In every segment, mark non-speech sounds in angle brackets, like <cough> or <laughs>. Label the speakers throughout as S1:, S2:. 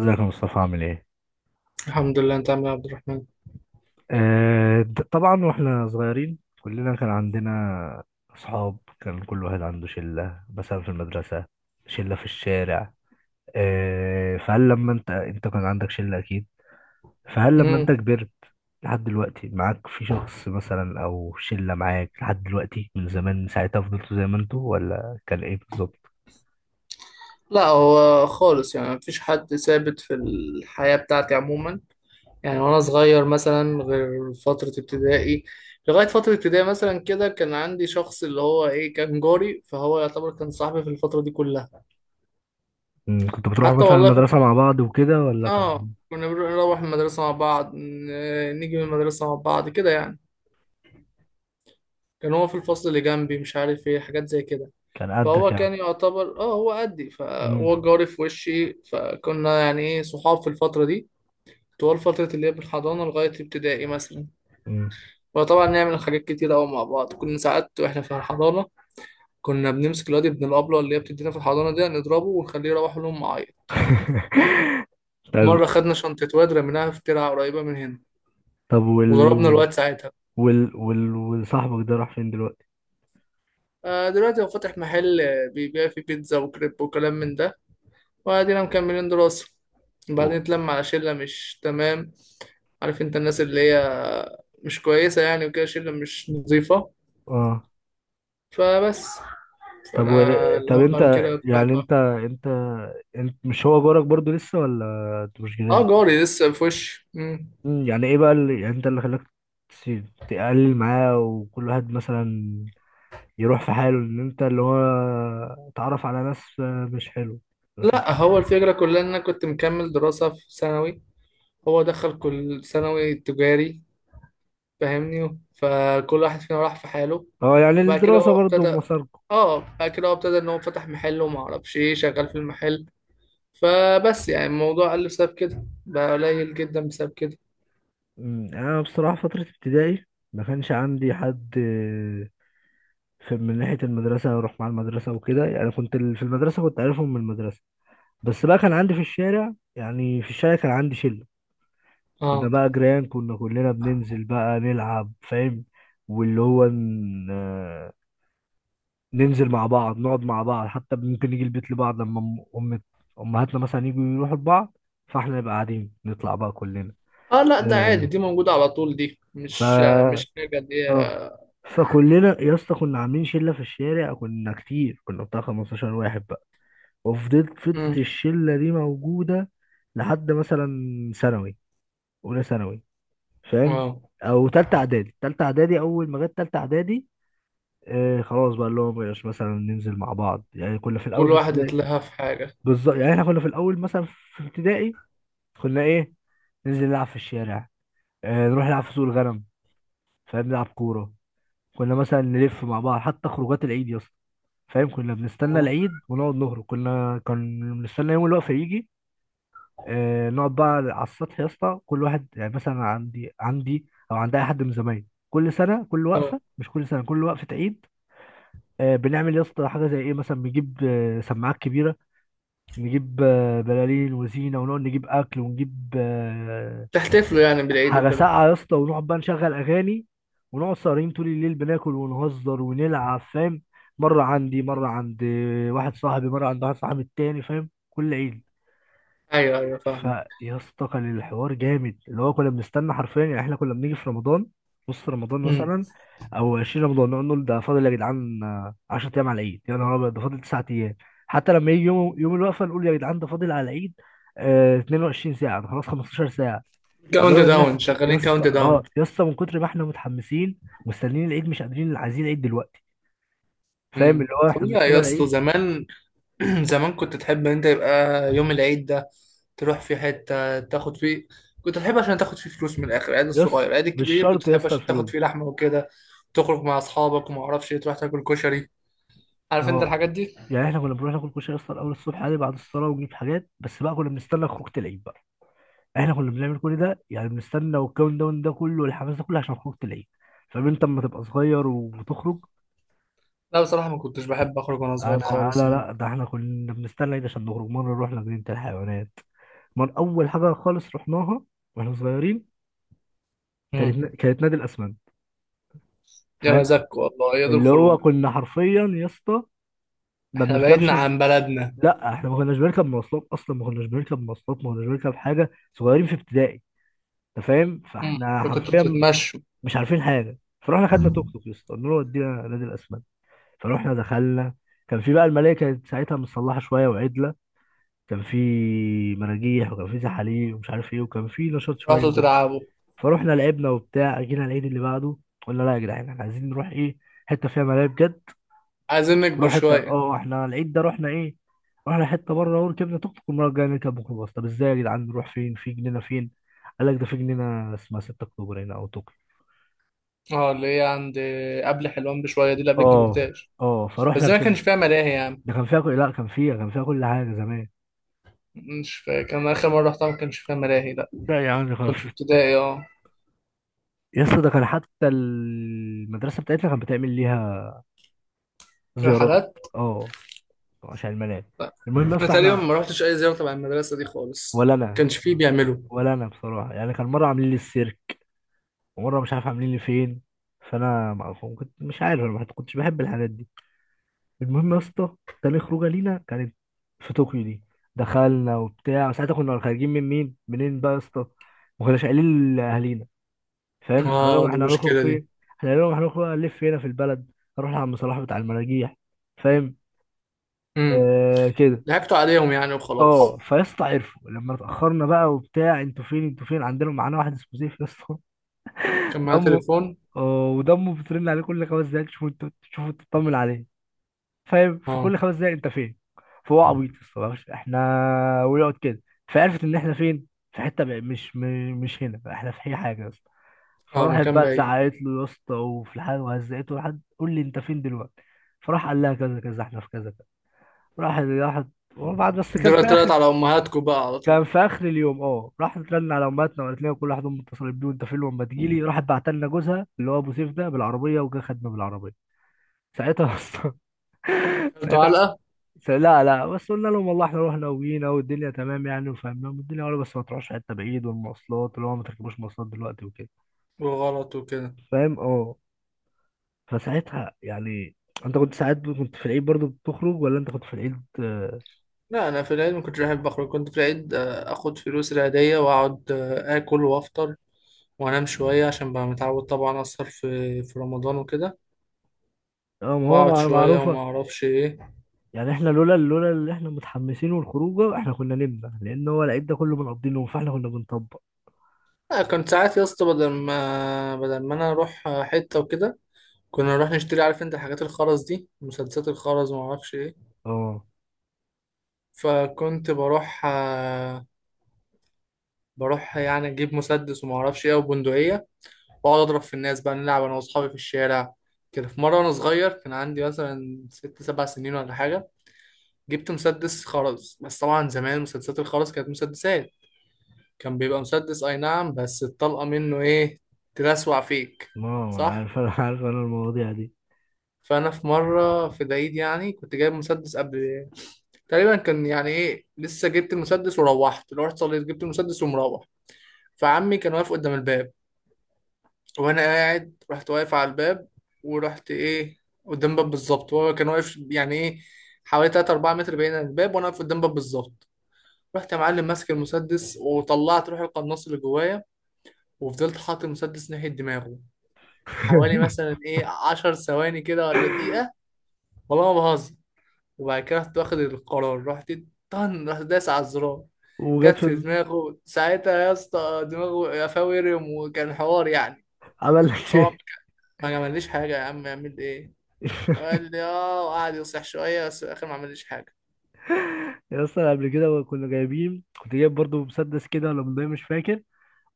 S1: ازيك يا مصطفى عامل ايه؟
S2: الحمد لله، انت عامل ايه يا عبد الرحمن؟
S1: طبعا واحنا صغيرين كلنا كان عندنا اصحاب، كان كل واحد عنده شلة مثلا في المدرسة، شلة في الشارع. فهل لما انت كان عندك شلة اكيد؟ فهل لما انت
S2: امم
S1: كبرت لحد دلوقتي معاك في شخص مثلا او شلة معاك لحد دلوقتي من زمان، ساعتها فضلتوا زي ما انتوا ولا كان ايه بالظبط؟
S2: لا، هو خالص يعني مفيش حد ثابت في الحياة بتاعتي عموما. يعني وانا صغير مثلا، غير فترة ابتدائي. لغاية فترة ابتدائي مثلا كده كان عندي شخص اللي هو ايه، كان جاري، فهو يعتبر كان صاحبي في الفترة دي كلها.
S1: مم، كنتوا بتروحوا
S2: حتى
S1: مثلا
S2: والله في.
S1: المدرسة مع بعض وكده ولا كان؟
S2: اه، كنا بنروح المدرسة مع بعض، نيجي من المدرسة مع بعض كده يعني. كان هو في الفصل اللي جنبي، مش عارف ايه، حاجات زي كده.
S1: كان قدك
S2: فهو
S1: يعني؟
S2: كان يعتبر هو قدي،
S1: مم.
S2: فهو جاري في وشي، فكنا يعني ايه، صحاب في الفترة دي. طوال فترة اللي هي من الحضانة لغاية ابتدائي مثلا.
S1: مم.
S2: وطبعا نعمل حاجات كتير أوي مع بعض. كنا ساعات واحنا في الحضانة كنا بنمسك الواد ابن الأبلة اللي هي بتدينا في الحضانة دي، نضربه ونخليه يروح لهم معايا.
S1: <laughs> طيب.
S2: مرة خدنا شنطة واد، رميناها في ترعة قريبة من هنا،
S1: طب وال
S2: وضربنا
S1: وال
S2: الواد ساعتها.
S1: وال وال والصاحبك ده راح فين دلوقتي؟
S2: آه، دلوقتي هو فاتح محل، آه، بيبيع فيه بيتزا وكريب وكلام من ده. وادينا مكملين دراسة، وبعدين
S1: و-
S2: اتلم على شلة مش تمام. عارف انت، الناس اللي هي مش كويسة يعني، وكده، شلة مش نظيفة.
S1: اه.
S2: فبس.
S1: طب
S2: فانا اللي
S1: طب انت،
S2: هو كده كل واحد
S1: يعني
S2: بقى-
S1: انت، انت مش هو جارك برضو لسه ولا انت مش
S2: اه،
S1: جيران؟
S2: جاري لسه في وشي. مم.
S1: مم، يعني ايه بقى اللي يعني انت اللي خلاك تقلل معاه وكل واحد مثلا يروح في حاله، ان انت اللي هو تعرف على ناس مش حلو، ناس مش.
S2: لا، هو الفكرة كلها ان انا كنت مكمل دراسة في ثانوي، هو دخل كل ثانوي تجاري، فاهمني؟ فكل واحد فينا راح في حاله.
S1: اه يعني
S2: بعد كده
S1: الدراسة
S2: هو
S1: برضو
S2: ابتدى
S1: مساركم.
S2: اه بعد كده هو ابتدى ان هو فتح محل، وما اعرفش ايه شغال في المحل. فبس، يعني الموضوع قل بسبب كده، بقى قليل جدا بسبب كده.
S1: مم، انا بصراحة فترة ابتدائي ما كانش عندي حد في، من ناحية المدرسة أروح مع المدرسة وكده، يعني كنت في المدرسة كنت عارفهم من المدرسة، بس بقى كان عندي في الشارع، يعني في الشارع كان عندي شلة. كنا
S2: اه.
S1: بقى جيران، كنا كلنا بننزل بقى نلعب، فاهم؟ واللي هو ن- آه، ننزل مع بعض، نقعد مع بعض، حتى ممكن نيجي البيت لبعض لما أم أم- أمهاتنا مثلا يجوا يروحوا لبعض، فاحنا نبقى قاعدين نطلع بقى كلنا.
S2: اه، لا، ده عادي،
S1: آه،
S2: دي موجودة على طول، دي
S1: ف
S2: مش حاجة دي.
S1: اه فكلنا يا اسطى كنا عاملين شلة في الشارع، كنا كتير، كنا بتاع 15 واحد. وفضلت
S2: امم.
S1: الشلة دي موجودة لحد مثلا ثانوي، أولى ثانوي، فاهم؟
S2: اه،
S1: أو تالتة إعدادي. تالتة إعدادي، أول ما جت تالتة إعدادي آه خلاص بقى اللي هو مبقاش مثلا ننزل مع بعض. يعني كنا في الأول
S2: كل
S1: في
S2: واحد
S1: ابتدائي
S2: يتلهى في حاجة.
S1: بالظبط. يعني إحنا كنا في الأول مثلا في ابتدائي كنا إيه، ننزل نلعب في الشارع، آه نروح نلعب في سوق الغنم، فاهم، نلعب كورة، كنا مثلا نلف مع بعض. حتى خروجات العيد يا اسطى، فاهم، كنا بنستنى
S2: اه.
S1: العيد ونقعد نهرب، كنا كان بنستنى يوم الوقفة يجي، آه، نقعد بقى على السطح يا اسطى. كل واحد يعني مثلا عندي او عند اي حد من زمايلي، كل سنه كل
S2: اه،
S1: وقفه، مش كل سنه كل وقفه عيد، آه، بنعمل يا اسطى حاجه زي ايه، مثلا بنجيب آه، سماعات كبيره، نجيب آه، بلالين وزينه، ونقعد نجيب اكل ونجيب
S2: تحتفلوا يعني بالعيد
S1: حاجه
S2: وكده.
S1: ساقعه يا اسطى، ونقعد بقى نشغل اغاني، ونقعد سهرين طول الليل بناكل ونهزر ونلعب، فاهم، مره عندي مره
S2: مم.
S1: عند واحد صاحبي، مره عند واحد صاحبي التاني، فاهم، كل عيد.
S2: ايوه ايوه، فاهم.
S1: فيا اسطى كان الحوار جامد، اللي هو كنا بنستنى حرفيا، يعني احنا كنا بنيجي في رمضان نص رمضان
S2: امم.
S1: مثلا او 20 رمضان، نقعد نقول ده فاضل يا جدعان آه، 10 ايام على العيد، يا نهار ابيض ده فاضل 9 ايام. حتى لما يجي يوم الوقفه نقول يا جدعان ده فاضل على العيد آه 22 ساعه، ده خلاص 15 ساعه.
S2: كاونت
S1: لدرجه ان
S2: داون،
S1: احنا يا
S2: شغالين
S1: اسطى
S2: كاونت
S1: اه
S2: داون.
S1: يا اسطى من كتر ما احنا متحمسين مستنيين العيد مش قادرين، عايزين العيد دلوقتي، فاهم، اللي
S2: امم،
S1: هو احنا
S2: طبيعي
S1: بنستنى
S2: يا اسطى.
S1: العيد.
S2: زمان <clears throat> زمان كنت تحب ان انت يبقى يوم العيد ده تروح في حتة تاخد فيه. كنت تحب عشان تاخد فيه فلوس، من الاخر العيد
S1: يا اسطى
S2: الصغير العيد
S1: مش
S2: الكبير كنت
S1: شرط يا
S2: تحب
S1: اسطى
S2: عشان تاخد
S1: الفلوس.
S2: فيه لحمة وكده. تخرج مع اصحابك وما اعرفش إيه، تروح تاكل كشري، عارف انت
S1: اه
S2: الحاجات دي.
S1: يعني احنا كنا بنروح ناكل كشري اصلا اول الصبح عادي بعد الصلاه، ونجيب حاجات، بس بقى كنا بنستنى خروجه العيد بقى. احنا كنا بنعمل كل ده، يعني بنستنى والكاونت داون ده كله والحماس ده كله عشان خروجه العيد، فاهم. انت اما تبقى صغير وتخرج.
S2: لا بصراحة، ما كنتش بحب اخرج وانا صغير
S1: انا
S2: خالص
S1: انا
S2: يعني.
S1: لا ده احنا كنا بنستنى العيد عشان نخرج. مره رحنا جنينه الحيوانات من اول حاجه خالص رحناها واحنا صغيرين،
S2: امم.
S1: كانت نادي الاسمنت،
S2: يا
S1: فاهم،
S2: مزاج، والله يا دول
S1: اللي هو
S2: الخروج.
S1: كنا حرفيا يا اسطى ما
S2: احنا بعيدنا
S1: بنركبش.
S2: عن بلدنا.
S1: لا احنا ما كناش بنركب مواصلات اصلا، ما كناش بنركب مواصلات، ما كناش بنركب حاجه، صغيرين في ابتدائي، انت فاهم،
S2: امم.
S1: فاحنا
S2: فكنتوا
S1: حرفيا
S2: تتمشوا.
S1: مش عارفين حاجه. فروحنا خدنا توك توك يا اسطى، قلنا له ودينا نادي الاسماك، فروحنا دخلنا. كان في بقى الملاهي، كانت ساعتها متصلحه شويه وعدله، كان في مراجيح وكان في زحاليق ومش عارف ايه، وكان في نشاط شويه
S2: رحتوا
S1: جدا.
S2: تلعبوا.
S1: فروحنا لعبنا وبتاع. جينا العيد اللي بعده قلنا لا يا جدعان احنا عايزين نروح ايه، حته فيها ملاهي بجد،
S2: عايزين نكبر
S1: نروح حته.
S2: شوية.
S1: اه احنا العيد ده رحنا ايه، رحنا حته بره، وركبنا توك توك المره الجايه نركب ميكروباص. طب ازاي يا جدعان نروح فين، في جنينه فين، قال لك ده في جنينه اسمها 6 اكتوبر هنا، او توك،
S2: اه، اللي هي عند. قبل حلوان بشوية دي، اللي قبل
S1: اه
S2: الكبرتاج.
S1: اه،
S2: بس
S1: فروحنا
S2: زي ما كانش
S1: ركبنا.
S2: فيها ملاهي يعني.
S1: ده كان فيها لا كان فيها، كان فيها كل حاجه زمان.
S2: مش فاكر، انا اخر مره رحتها ما كانش فيها ملاهي، لا.
S1: لا يا عم خلاص.
S2: كنت في ابتدائي، اه.
S1: يا اسطى ده كان حتى المدرسه بتاعتنا كانت بتعمل ليها زيارات،
S2: رحلات.
S1: اه، عشان الملاعب.
S2: لا
S1: المهم يا
S2: انا
S1: اسطى
S2: تقريبا
S1: احنا،
S2: ما رحتش اي زياره تبع المدرسه دي خالص،
S1: ولا
S2: ما
S1: انا،
S2: كانش فيه بيعملوا.
S1: ولا انا بصراحه يعني، كان مره عاملين لي السيرك، ومره مش عارف عاملين لي فين، فانا ما، كنت مش عارف، انا ما كنتش بحب الحاجات دي. المهم يا اسطى، تاني خروجه لينا كانت في طوكيو دي. دخلنا وبتاع. ساعتها كنا خارجين من مين منين بقى يا اسطى، ما كناش قايلين لاهالينا، فاهم، احنا
S2: اه،
S1: قلنا
S2: دي
S1: احنا هنخرج
S2: المشكله دي.
S1: فين، احنا قلنا هنخرج نلف هنا في البلد نروح لعم صلاح بتاع المراجيح، فاهم،
S2: امم.
S1: آه كده.
S2: ضحكتوا عليهم يعني
S1: اه
S2: وخلاص.
S1: فيا اسطى عرفوا لما اتاخرنا بقى وبتاع، انتوا فين انتوا فين، عندنا معانا واحد اسمه سيف يا اسطى،
S2: كان
S1: <laughs>
S2: معايا
S1: دمه،
S2: تليفون.
S1: اه ودمه بترن عليه كل خمس دقايق تشوفوا انتوا، تشوفوا تطمن عليه، فاهم،
S2: اه.
S1: فكل خمس دقايق انت فين. فهو عبيط يا اسطى احنا، ويقعد كده. فعرفت ان احنا فين في حته بقى مش هنا احنا في اي حاجه.
S2: اه،
S1: فراحت
S2: مكان
S1: بقى
S2: بعيد.
S1: زعقت له يا اسطى، وفي الحال وهزقته لحد قول لي انت فين دلوقتي، فراح قال لها كذا كذا احنا في كذا كذا. راح راحت، وبعد بس كان في
S2: دلوقتي طلعت
S1: اخر،
S2: على امهاتكم بقى على طول.
S1: كان في اخر اليوم اه، راحت ترن على امهاتنا وقالت لنا كل واحد امه اتصلت بيه وانت فين لما تجيلي. راحت بعت لنا جوزها اللي هو ابو سيف ده بالعربيه، وجا خدنا بالعربيه ساعتها اصلا. <laughs>
S2: كلتوا
S1: ساعتها،
S2: علقه.
S1: لا لا، بس قلنا لهم والله احنا رحنا وجينا والدنيا تمام يعني، وفهمناهم الدنيا، ولا بس ما تروحش حته بعيد، والمواصلات اللي هو ما تركبوش مواصلات دلوقتي وكده،
S2: وغلط وكده.
S1: فاهم، اه. فساعتها يعني، انت كنت ساعات كنت في العيد برضو بتخرج ولا، انت كنت في العيد اه؟
S2: لا، انا في العيد ما كنتش بحب اخرج. كنت في العيد آه، اخد فلوس العيديه واقعد، آه، اكل وافطر وانام شويه، عشان بقى متعود طبعا اسهر في رمضان وكده.
S1: ما هو
S2: واقعد شويه وما
S1: معروفة.
S2: اعرفش ايه.
S1: يعني احنا لولا اللي احنا متحمسين والخروجه احنا كنا نمنا، لان هو العيد ده كله بنقضي نوم، فاحنا كنا بنطبق.
S2: لا، كنت ساعات يا اسطى بدل ما انا اروح حته وكده، كنا نروح نشتري. عارف انت الحاجات الخرز دي، مسدسات الخرز وما اعرفش ايه.
S1: اه
S2: فكنت بروح، آه، بروح يعني اجيب مسدس وما اعرفش ايه وبندقيه، واقعد اضرب في الناس بقى، نلعب انا واصحابي في الشارع كده. في مره وانا صغير، كان عندي مثلا 6 7 سنين ولا حاجه، جبت مسدس خرز. بس طبعا زمان مسدسات الخرز كانت مسدسات، كان بيبقى مسدس اي نعم، بس الطلقة منه ايه، تلسوع فيك.
S1: ما هو انا
S2: صح.
S1: عارف، انا عارف انا المواضيع دي.
S2: فانا في مرة في العيد، يعني كنت جايب مسدس قبل تقريبا، كان يعني ايه، لسه جبت المسدس، وروحت لو رحت صليت جبت المسدس ومروح. فعمي كان واقف قدام الباب، وانا قاعد رحت واقف على الباب. ورحت ايه، قدام باب بالظبط. وهو كان واقف يعني ايه، حوالي 3 4 متر بعيد عن الباب، وانا واقف قدام باب بالظبط. رحت يا معلم ماسك المسدس، وطلعت روح القناص اللي جوايا، وفضلت حاطط المسدس ناحية دماغه حوالي
S1: <laughs>
S2: مثلا ايه، 10 ثواني كده ولا دقيقة. والله ما بهزر. وبعد كده رحت واخد القرار، رحت طن، رحت داس على الزرار.
S1: وجت
S2: جت
S1: في
S2: في
S1: ال-
S2: دماغه ساعتها يا اسطى، دماغه قفاه ورم، وكان حوار يعني.
S1: عمل لك
S2: طبعا
S1: ايه؟
S2: ما عملليش حاجة، يا عم يعمل ايه؟
S1: <laughs>
S2: قال لي اه، وقعد يصيح شوية، بس في الآخر ما عملليش حاجة.
S1: يا اسطى قبل كده كنا جايبين، كنت جايب برضو مسدس كده ولا بندقية مش فاكر،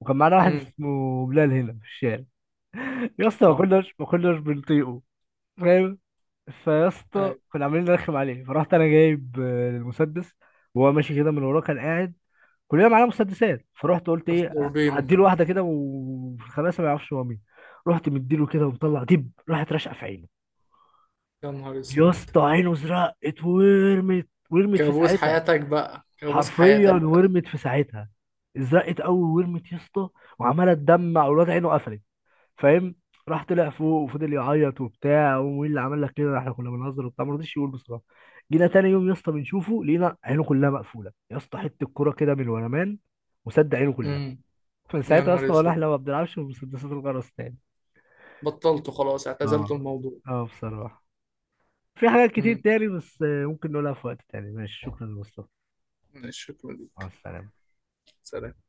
S1: وكان معانا واحد
S2: امم.
S1: اسمه بلال هنا في الشارع. <laughs> يا اسطى ما
S2: اه.
S1: كناش ما كناش بنطيقه، فاهم. فيا اسطى
S2: أيوة.
S1: كنا عاملين نرخم عليه. فرحت انا جايب آه، المسدس، وهو ماشي كده من وراه كان قاعد، كلنا معانا مسدسات. فرحت قلت
S2: رحت
S1: ايه
S2: ضربينه.
S1: هديله واحده كده وخلاص ما يعرفش هو مين. رحت مديله كده ومطلع دب، راحت راشقه في عينه.
S2: يا نهار
S1: يا
S2: اسود.
S1: اسطى عينه زرقت ورمت، ورمت في
S2: كابوس
S1: ساعتها،
S2: حياتك بقى، كابوس
S1: حرفيا
S2: حياتك بقى.
S1: ورمت في ساعتها، زرقت قوي ورمت يا اسطى، وعماله تدمع، والواد عينه قفلت، فاهم. راح طلع فوق وفضل يعيط وبتاع، ومين اللي عمل لك كده، احنا كنا بنهزر وبتاع، ما رضيش يقول بصراحه. جينا تاني يوم يا اسطى بنشوفه لقينا عينه كلها مقفوله يا اسطى، حته الكوره كده من ورا مان وسد عينه كلها.
S2: امم.
S1: <laughs>
S2: يا
S1: فساعتها يا
S2: نهار
S1: اسطى ولا
S2: اسود.
S1: احنا ما بنلعبش بمسدسات الغرس تاني.
S2: بطلته خلاص، اعتزلت
S1: اه،
S2: الموضوع.
S1: اه بصراحه. في حاجات كتير
S2: مم.
S1: تاني بس آه، ممكن نقولها في وقت تاني. ماشي شكرا يا مصطفى.
S2: ماشي، شكرا
S1: مع
S2: لك.
S1: السلامه.
S2: سلام.